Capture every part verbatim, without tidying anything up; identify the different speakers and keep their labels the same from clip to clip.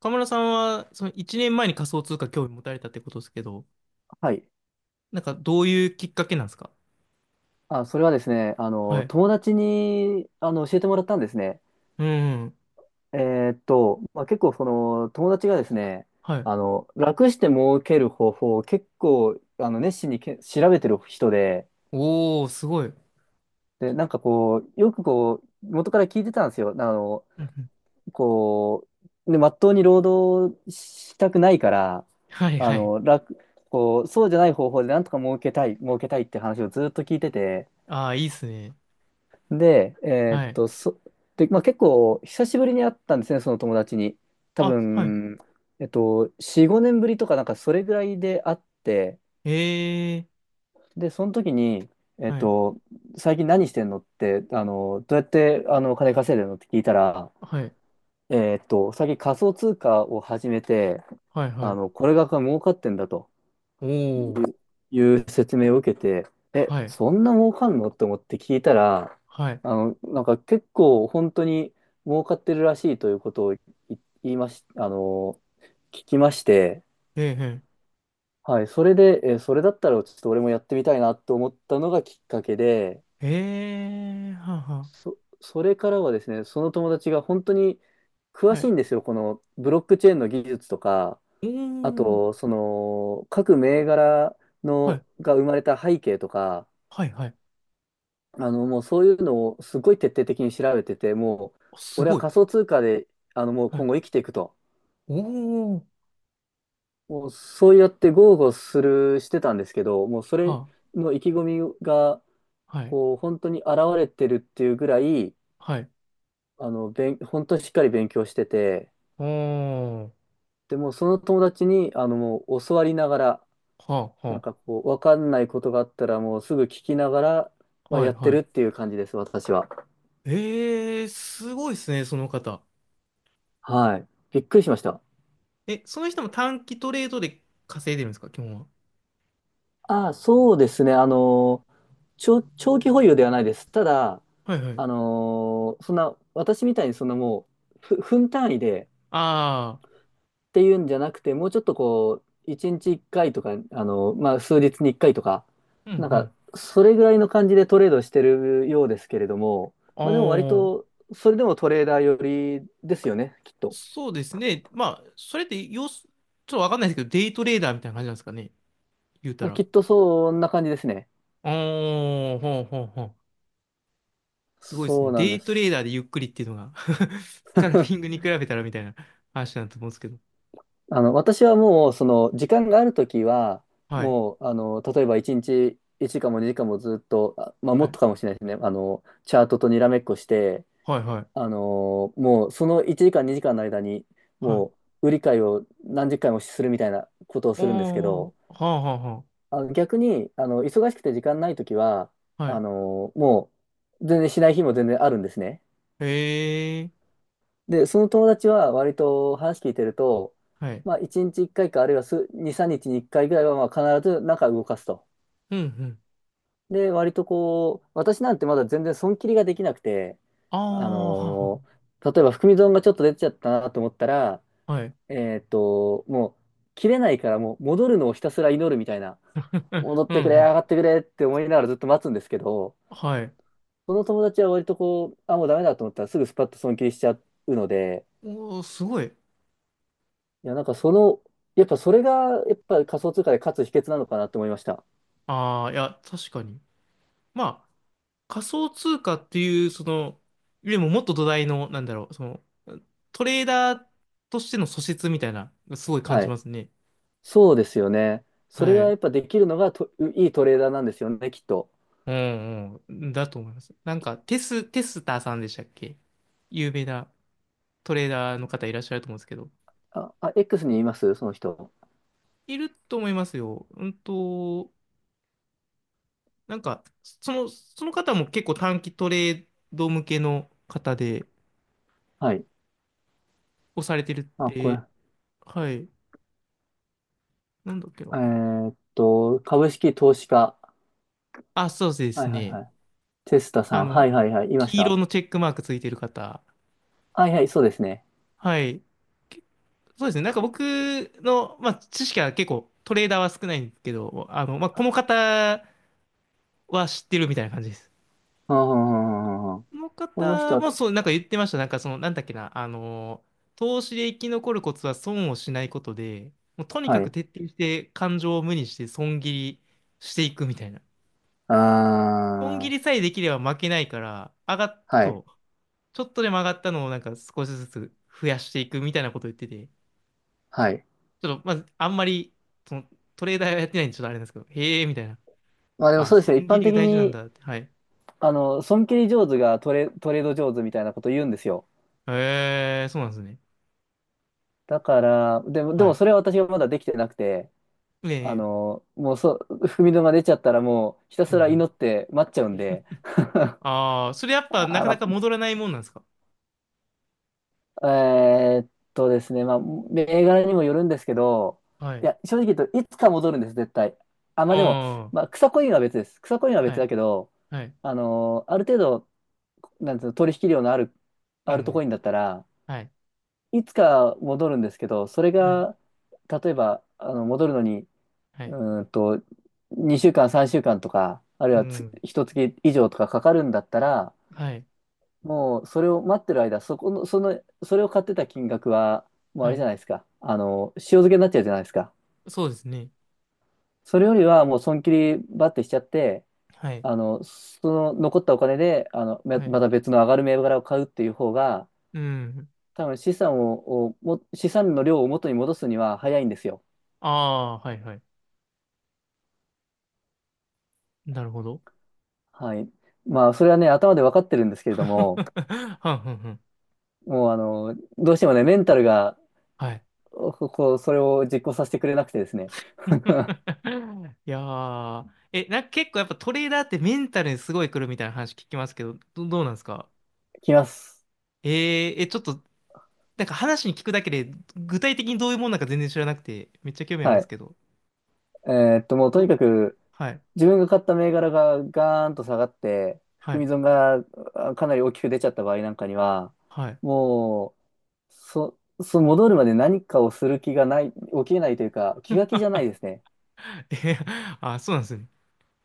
Speaker 1: 河村さんは、そのいちねんまえに仮想通貨興味持たれたってことですけど、
Speaker 2: はい。
Speaker 1: なんかどういうきっかけなんですか？
Speaker 2: あ、それはですね、あ
Speaker 1: は
Speaker 2: の、
Speaker 1: い。
Speaker 2: 友達に、あの、教えてもらったんですね。
Speaker 1: うん。うん。
Speaker 2: えーっと、まあ、結構、その、友達がですね、
Speaker 1: はい。
Speaker 2: あの、楽して儲ける方法を結構、あの、熱心にけ調べてる人で、
Speaker 1: おー、すごい。うん。
Speaker 2: で、なんかこう、よくこう、元から聞いてたんですよ。あの、
Speaker 1: うん。
Speaker 2: こう、ね、まっとうに労働したくないから、
Speaker 1: はい
Speaker 2: あ
Speaker 1: はい。
Speaker 2: の、楽、こう、そうじゃない方法でなんとか儲けたい、儲けたいって話をずっと聞いてて、
Speaker 1: ああ、いいっすね。
Speaker 2: で、えーっ
Speaker 1: はい。
Speaker 2: と、そ、で、まあ、結構久しぶりに会ったんですね、その友達に。多
Speaker 1: あ、はい。
Speaker 2: 分、えっと、よん、ごねんぶりとか、なんかそれぐらいで会って、
Speaker 1: ええ
Speaker 2: で、その時に、え
Speaker 1: ー。
Speaker 2: っ
Speaker 1: はい。
Speaker 2: と、最近何してんのって、あの、どうやってあの金稼いでるのって聞いたら、
Speaker 1: はい。
Speaker 2: えっと、最近仮想通貨を始めて、
Speaker 1: はいは
Speaker 2: あ
Speaker 1: い。
Speaker 2: の、これが儲かってんだと。
Speaker 1: おー。
Speaker 2: いう説明を受けて、え、
Speaker 1: はい。
Speaker 2: そんな儲かんのと思って聞いたら、
Speaker 1: はい。
Speaker 2: あの、なんか結構本当に儲かってるらしいということをい言いまし、あの、聞きまして、
Speaker 1: ええ
Speaker 2: はい、それで、え、それだったらちょっと俺もやってみたいなと思ったのがきっかけで、
Speaker 1: えええー。はあは
Speaker 2: そ、それからはですね、その友達が本当に
Speaker 1: あ。
Speaker 2: 詳
Speaker 1: は
Speaker 2: しい
Speaker 1: い。
Speaker 2: んですよ、このブロックチェーンの技術とか、
Speaker 1: お
Speaker 2: あと、
Speaker 1: ー。
Speaker 2: その、各銘柄
Speaker 1: は
Speaker 2: の、
Speaker 1: い。
Speaker 2: が生まれた背景とか、
Speaker 1: はいはい。
Speaker 2: あの、もうそういうのをすごい徹底的に調べてて、もう、
Speaker 1: あ、す
Speaker 2: 俺は
Speaker 1: ごい。
Speaker 2: 仮想通貨で、あの、もう
Speaker 1: は
Speaker 2: 今
Speaker 1: い。
Speaker 2: 後生きていくと。
Speaker 1: おー。
Speaker 2: もうそうやって豪語する、してたんですけど、もうそれ
Speaker 1: は
Speaker 2: の意気込みが、
Speaker 1: あ。はい。
Speaker 2: こう、本当に現れてるっていうぐらい、
Speaker 1: はい。
Speaker 2: あの、勉本当にしっかり勉強してて、
Speaker 1: おー。
Speaker 2: でもうその友達に、あの、もう教わりながら、
Speaker 1: はあは
Speaker 2: なん
Speaker 1: あ、
Speaker 2: かこう、わかんないことがあったら、もうすぐ聞きながら、まあ、
Speaker 1: は
Speaker 2: や
Speaker 1: い
Speaker 2: って
Speaker 1: は
Speaker 2: るっ
Speaker 1: い。
Speaker 2: ていう感じです、私は。
Speaker 1: えー、すごいですね、その方。
Speaker 2: はい。びっくりしました。
Speaker 1: え、その人も短期トレードで稼いでるんですか、基本は？
Speaker 2: ああ、そうですね。あの、長、長期保有ではないです。ただ、
Speaker 1: はいはい。
Speaker 2: あの、そんな、私みたいにそんなもう、ふ、分単位で
Speaker 1: あ
Speaker 2: っていうんじゃなくて、もうちょっとこう、いちにちいっかいとか、あの、まあ、数日にいっかいとか、
Speaker 1: あ、うん
Speaker 2: なん
Speaker 1: う
Speaker 2: か、
Speaker 1: ん。
Speaker 2: それぐらいの感じでトレードしてるようですけれども、まあ、でも割
Speaker 1: あ
Speaker 2: と、それでもトレーダー寄りですよね、きっ
Speaker 1: あ、
Speaker 2: と。
Speaker 1: そうですね。まあ、それって要す、ちょっとわかんないですけど、デイトレーダーみたいな感じなんですかね、言うた
Speaker 2: まあ、
Speaker 1: ら。あ
Speaker 2: きっとそんな感じですね。
Speaker 1: あ、ほうほうほう。すごいです
Speaker 2: そ
Speaker 1: ね。
Speaker 2: うなん
Speaker 1: デ
Speaker 2: で
Speaker 1: イト
Speaker 2: す。
Speaker 1: レーダーでゆっくりっていうのが。 スカルピングに比べたらみたいな話なんだと思うんですけど。
Speaker 2: あの、私はもう、その、時間があるときは、
Speaker 1: はい。
Speaker 2: もう、あの、例えばいちにちいちじかんもにじかんもずっと、あまあ、
Speaker 1: は
Speaker 2: もっ
Speaker 1: い。
Speaker 2: とかもしれないですね。あの、チャートとにらめっこして、
Speaker 1: はいはい。
Speaker 2: あの、もう、そのいちじかんにじかんの間に、
Speaker 1: はい。
Speaker 2: もう、売り買いを何十回もするみたいなことをするんですけ
Speaker 1: お
Speaker 2: ど、
Speaker 1: ー、はあはあは
Speaker 2: あの、逆に、あの、忙しくて時間ないときは、
Speaker 1: あ。は
Speaker 2: あ
Speaker 1: い。
Speaker 2: の、もう、全然しない日も全然あるんですね。
Speaker 1: へえ。
Speaker 2: で、その友達は割と話聞いてると、
Speaker 1: はい。
Speaker 2: まあ、いちにちいっかいか、あるいは数に、さんにちにいっかいぐらいは、まあ、必ず中動かすと。
Speaker 1: うんうん。
Speaker 2: で、割とこう、私なんてまだ全然損切りができなくて、
Speaker 1: あ
Speaker 2: あ
Speaker 1: あ、はは。
Speaker 2: のー例えば含み損がちょっと出ちゃったなと思ったら、
Speaker 1: はい。
Speaker 2: えーっと、もう、切れないからもう戻るのをひたすら祈るみたいな、
Speaker 1: うん、
Speaker 2: 戻っ
Speaker 1: うん、
Speaker 2: てくれ、
Speaker 1: う
Speaker 2: 上
Speaker 1: ん。
Speaker 2: がってくれって思いながらずっと待つんですけど、
Speaker 1: はい。
Speaker 2: その友達は割とこう、あ、もうダメだと思ったらすぐスパッと損切りしちゃうので、
Speaker 1: おー、すごい。
Speaker 2: いや、なんかその、やっぱそれが、やっぱ仮想通貨で勝つ秘訣なのかなって思いました。
Speaker 1: ああ、いや、確かに。まあ、仮想通貨っていう、その、でも、もっと土台の、なんだろう、その、トレーダーとしての素質みたいな、すごい感
Speaker 2: は
Speaker 1: じ
Speaker 2: い。
Speaker 1: ますね。
Speaker 2: そうですよね。それ
Speaker 1: は
Speaker 2: がや
Speaker 1: い。
Speaker 2: っぱできるのがと、いいトレーダーなんですよね、きっと。
Speaker 1: うんうん。だと思います。なんか、テス、テスターさんでしたっけ、有名なトレーダーの方いらっしゃると思うんですけど。
Speaker 2: あ、あ、X にいますその人。
Speaker 1: いると思いますよ。うんと、なんか、その、その方も結構短期トレード向けの方で、
Speaker 2: はい。
Speaker 1: をされてるっ
Speaker 2: あ、これ。
Speaker 1: て、はい、なんだっけな。
Speaker 2: えーっと、株式投資家。
Speaker 1: あ、そうで
Speaker 2: は
Speaker 1: す
Speaker 2: いはい
Speaker 1: ね。
Speaker 2: はい。テスタさ
Speaker 1: あ
Speaker 2: ん。は
Speaker 1: の、
Speaker 2: いはいはい。いまし
Speaker 1: 黄色
Speaker 2: た。
Speaker 1: のチェックマークついてる方。
Speaker 2: はいはい、そうですね。
Speaker 1: はい。け、そうですね。なんか僕の、まあ、知識は結構トレーダーは少ないんですけど、あの、まあ、この方は知ってるみたいな感じです。
Speaker 2: うんうんうんうんうん
Speaker 1: その
Speaker 2: この人
Speaker 1: 方
Speaker 2: は、
Speaker 1: もそう、なんか言ってました。なんかその、なんだっけな、あのー、投資で生き残るコツは損をしないことで、もうとに
Speaker 2: は
Speaker 1: かく
Speaker 2: い。
Speaker 1: 徹底して感情を無にして損切りしていくみたいな。
Speaker 2: あ
Speaker 1: 損切
Speaker 2: ー、
Speaker 1: りさえできれば負けないから、上がっ、
Speaker 2: はい。
Speaker 1: そう、ちょっとでも上がったのをなんか少しずつ増やしていくみたいなこと言ってて、
Speaker 2: はい。
Speaker 1: ちょっとまずあんまり、その、トレーダーはやってないんでちょっとあれなんですけど、へえ、みたいな。
Speaker 2: まあでも
Speaker 1: あ、
Speaker 2: そうですね。一
Speaker 1: 損切
Speaker 2: 般
Speaker 1: りが
Speaker 2: 的
Speaker 1: 大事なん
Speaker 2: に
Speaker 1: だって。はい。
Speaker 2: あの、損切り上手がトレ、トレード上手みたいなこと言うんですよ。
Speaker 1: へえ、そうなんですね。
Speaker 2: だから、でも、で
Speaker 1: は
Speaker 2: も
Speaker 1: い。
Speaker 2: それは私がまだできてなくて、
Speaker 1: え
Speaker 2: あ
Speaker 1: え、
Speaker 2: の、もうそう、踏みのが出ちゃったらもうひた
Speaker 1: う
Speaker 2: す
Speaker 1: んう
Speaker 2: ら祈
Speaker 1: ん。
Speaker 2: って待っちゃうんで。
Speaker 1: ああ、それやっぱなかな
Speaker 2: あ、
Speaker 1: か戻らないもんなんですか？
Speaker 2: えーっとですね、まあ、銘柄にもよるんですけど、
Speaker 1: は
Speaker 2: い
Speaker 1: い。
Speaker 2: や、正直言うといつか戻るんです、絶対。あ、まあ
Speaker 1: あ
Speaker 2: でも、
Speaker 1: あ、
Speaker 2: まあ、草コインは別です。草コインは
Speaker 1: は
Speaker 2: 別
Speaker 1: い、
Speaker 2: だけど、
Speaker 1: はい、
Speaker 2: あの、ある程度、なんていうの、取引量のある、
Speaker 1: う
Speaker 2: あるとコ
Speaker 1: ん、
Speaker 2: インだったら、
Speaker 1: はい、
Speaker 2: いつか戻るんですけど、それ
Speaker 1: はい、
Speaker 2: が、例えば、あの、戻るのに、
Speaker 1: は
Speaker 2: う
Speaker 1: い、
Speaker 2: ーんと、にしゅうかん、さんしゅうかんとか、あるい
Speaker 1: う
Speaker 2: はつ、
Speaker 1: ん、
Speaker 2: いっかげつ以上とかかかるんだったら、
Speaker 1: はい、
Speaker 2: もう、それを待ってる間、そこの、その、それを買ってた金額は、もうあ
Speaker 1: は
Speaker 2: れじ
Speaker 1: い。
Speaker 2: ゃないですか。あの、塩漬けになっちゃうじゃないですか。
Speaker 1: そうですね。
Speaker 2: それよりは、もう、損切りバッてしちゃって、
Speaker 1: はい、
Speaker 2: あの、その残ったお金で、あの、ま
Speaker 1: はい、
Speaker 2: また別の上がる銘柄を買うっていう方が、
Speaker 1: うん。
Speaker 2: 多分資産を、をも、資産の量を元に戻すには早いんですよ。
Speaker 1: ああ、はい、はい。なるほど。
Speaker 2: はい。まあ、それはね、頭で分かってるんですけれども、
Speaker 1: はんはんはん。
Speaker 2: もう、あの、どうしてもね、メンタルが、
Speaker 1: はい。
Speaker 2: ここう、それを実行させてくれなくてですね。
Speaker 1: いやー、え、なんか結構やっぱトレーダーってメンタルにすごい来るみたいな話聞きますけど、ど、どうなんですか？
Speaker 2: きます。
Speaker 1: えー、え、ちょっと、なんか話に聞くだけで、具体的にどういうもんなんか全然知らなくて、めっちゃ興味あるん
Speaker 2: は
Speaker 1: です
Speaker 2: い。
Speaker 1: けど。
Speaker 2: えーっと、もう、とに
Speaker 1: ど、
Speaker 2: かく、
Speaker 1: はい、
Speaker 2: 自分が買った銘柄がガーンと下がって、
Speaker 1: は
Speaker 2: 含
Speaker 1: い、
Speaker 2: み損があかなり大きく出ちゃった場合なんかには、
Speaker 1: はい。
Speaker 2: もう、そ、その戻るまで何かをする気がない、起きれないというか、気が気じゃないですね。
Speaker 1: えへ、あ、そうなんですね。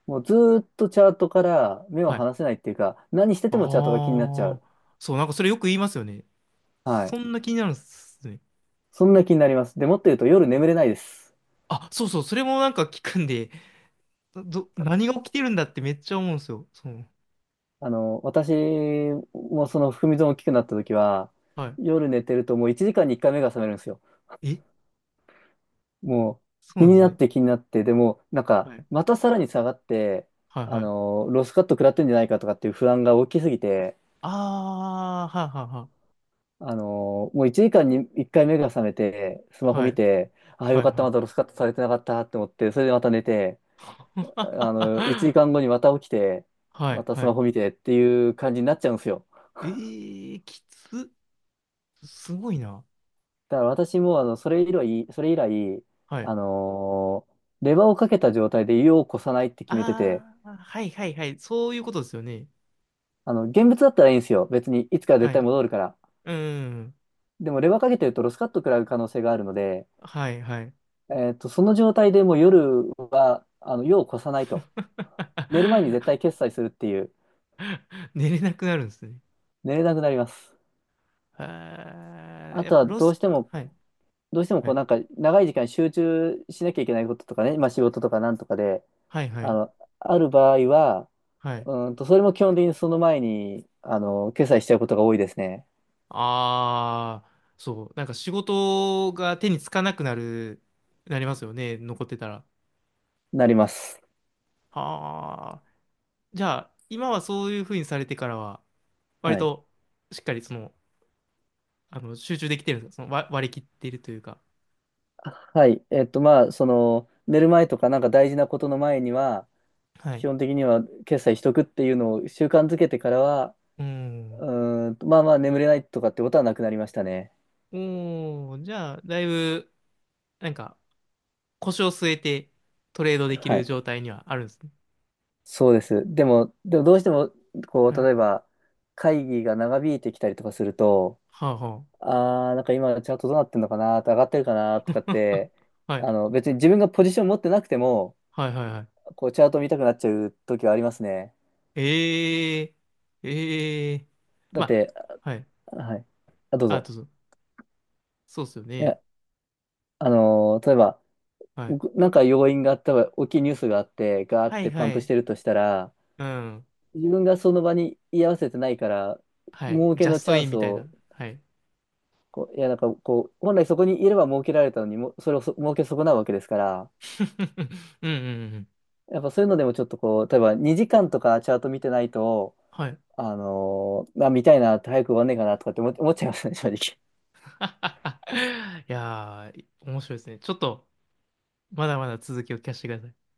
Speaker 2: もうずーっとチャートから目を
Speaker 1: はい。
Speaker 2: 離
Speaker 1: あ
Speaker 2: せないっていうか、何して
Speaker 1: あ、
Speaker 2: てもチャートが気になっちゃう。
Speaker 1: そう、なんかそれよく言いますよね。
Speaker 2: はい。
Speaker 1: そんな気になるんですね。
Speaker 2: そんな気になります。で、もっと言うと夜眠れないです。
Speaker 1: あ、そうそう、それもなんか聞くんで、ど、何が起きてるんだってめっちゃ思うんですよ。そう。
Speaker 2: あの、私もその含み損大きくなった時は、
Speaker 1: は
Speaker 2: 夜寝てるともういちじかんにいっかいが覚めるんですよ。
Speaker 1: い。え、
Speaker 2: も
Speaker 1: そう
Speaker 2: う
Speaker 1: な
Speaker 2: 気
Speaker 1: んで
Speaker 2: に
Speaker 1: す
Speaker 2: なっ
Speaker 1: ね。
Speaker 2: て気になって、でもなんか
Speaker 1: はい、
Speaker 2: またさらに下がって、
Speaker 1: はい、
Speaker 2: あ
Speaker 1: はい。
Speaker 2: の、ロスカット食らってんじゃないかとかっていう不安が大きすぎて、
Speaker 1: ああ、はい、は
Speaker 2: あの、もういちじかんにいっかいが覚め
Speaker 1: い、
Speaker 2: て、スマホ
Speaker 1: は
Speaker 2: 見
Speaker 1: い。
Speaker 2: て、ああよ
Speaker 1: はい、
Speaker 2: かった、
Speaker 1: は
Speaker 2: まだロ
Speaker 1: い。
Speaker 2: スカットされてなかったって思って、それでまた寝て、あの、1時
Speaker 1: はい、
Speaker 2: 間後にまた起きて、
Speaker 1: は
Speaker 2: ま
Speaker 1: い
Speaker 2: たス
Speaker 1: は
Speaker 2: マ
Speaker 1: い。
Speaker 2: ホ見てっていう感じになっちゃうんですよ。
Speaker 1: ええー、きつ。すごいな。
Speaker 2: だから私も、あの、それ以来、それ以来、
Speaker 1: はい。
Speaker 2: あのーレバーをかけた状態で湯をこさないって決めてて、
Speaker 1: ああ、はい、はい、はい。そういうことですよね。
Speaker 2: あの、現物だったらいいんですよ。別に、いつか絶
Speaker 1: は
Speaker 2: 対
Speaker 1: い。
Speaker 2: 戻るから。
Speaker 1: うん。
Speaker 2: でも、レバーかけてるとロスカット食らう可能性があるので、
Speaker 1: はいはい。
Speaker 2: えっと、その状態でもう夜は、あの、湯をこさないと。寝る前に絶 対決済するっていう、
Speaker 1: 寝れなくなるんですね。
Speaker 2: 寝れなくなります。
Speaker 1: あー、
Speaker 2: あ
Speaker 1: やっ
Speaker 2: と
Speaker 1: ぱ
Speaker 2: は、
Speaker 1: ロ
Speaker 2: どう
Speaker 1: ス、
Speaker 2: しても、
Speaker 1: はい、
Speaker 2: どうしても
Speaker 1: は
Speaker 2: こう、
Speaker 1: い、
Speaker 2: なんか、長い時間集中しなきゃいけないこととかね、まあ、仕事とかなんとかで、
Speaker 1: はい、は
Speaker 2: あ
Speaker 1: い、
Speaker 2: の、ある場合は、
Speaker 1: はい。
Speaker 2: うんと、それも基本的にその前に、あの、決済しちゃうことが多いですね。
Speaker 1: ああ、そう、なんか仕事が手につかなくなる、なりますよね、残ってたら。
Speaker 2: なります。
Speaker 1: ああ、じゃあ、今はそういうふうにされてからは、割
Speaker 2: はい。
Speaker 1: としっかりその、あの、集中できてるんですか、その割、割り切っているというか。
Speaker 2: あはい。えっと、まあ、その、寝る前とかなんか大事なことの前には、
Speaker 1: は
Speaker 2: 基
Speaker 1: い。
Speaker 2: 本的には決済しとくっていうのを習慣づけてからは、
Speaker 1: うん。
Speaker 2: うーんと、まあまあ眠れないとかってことはなくなりましたね。
Speaker 1: おー、じゃあ、だいぶ、なんか、腰を据えてトレードでき
Speaker 2: は
Speaker 1: る
Speaker 2: い。
Speaker 1: 状態にはあるんですね。
Speaker 2: そうです。でも、でもどうしても、こう、
Speaker 1: はい。
Speaker 2: 例えば、会議が長引いてきたりとかすると、
Speaker 1: はあは
Speaker 2: ああ、なんか今チャートどうなってんのかな、上がってるかなとかっ
Speaker 1: あ。
Speaker 2: て、
Speaker 1: はい。
Speaker 2: あの、別に自分がポジション持ってなくても、
Speaker 1: はいはいはい。
Speaker 2: こうチャート見たくなっちゃう時はありますね。
Speaker 1: ええええ、
Speaker 2: だ
Speaker 1: ま
Speaker 2: って、
Speaker 1: あ、はい。
Speaker 2: はい。あ、どう
Speaker 1: あ、
Speaker 2: ぞ。
Speaker 1: どうぞ。そうっすよ
Speaker 2: い
Speaker 1: ね。
Speaker 2: や、あのー例えば、
Speaker 1: はい。
Speaker 2: ぐなんか要因があったら、大きいニュースがあって、ガーっ
Speaker 1: はい
Speaker 2: てパン
Speaker 1: は
Speaker 2: プし
Speaker 1: い。
Speaker 2: てるとしたら、
Speaker 1: うん。
Speaker 2: 自分がその場に居合わせてないから、
Speaker 1: はい。
Speaker 2: 儲け
Speaker 1: ジャ
Speaker 2: の
Speaker 1: ス
Speaker 2: チ
Speaker 1: ト
Speaker 2: ャ
Speaker 1: イ
Speaker 2: ン
Speaker 1: ン
Speaker 2: ス
Speaker 1: みたい
Speaker 2: を、
Speaker 1: な。はい。
Speaker 2: こう、いや、なんかこう、本来そこにいれば儲けられたのにも、それをそ儲け損なうわけですから、
Speaker 1: うんうんうん。
Speaker 2: やっぱそういうのでもちょっとこう、例えばにじかんとかチャート見てないと、
Speaker 1: はい。
Speaker 2: あのー、まあ、見たいな、早く終わんねえかなとかって思っ思っちゃいますね、正直。
Speaker 1: いやー、面白いですね。ちょっと、まだまだ続きを聞かせてください。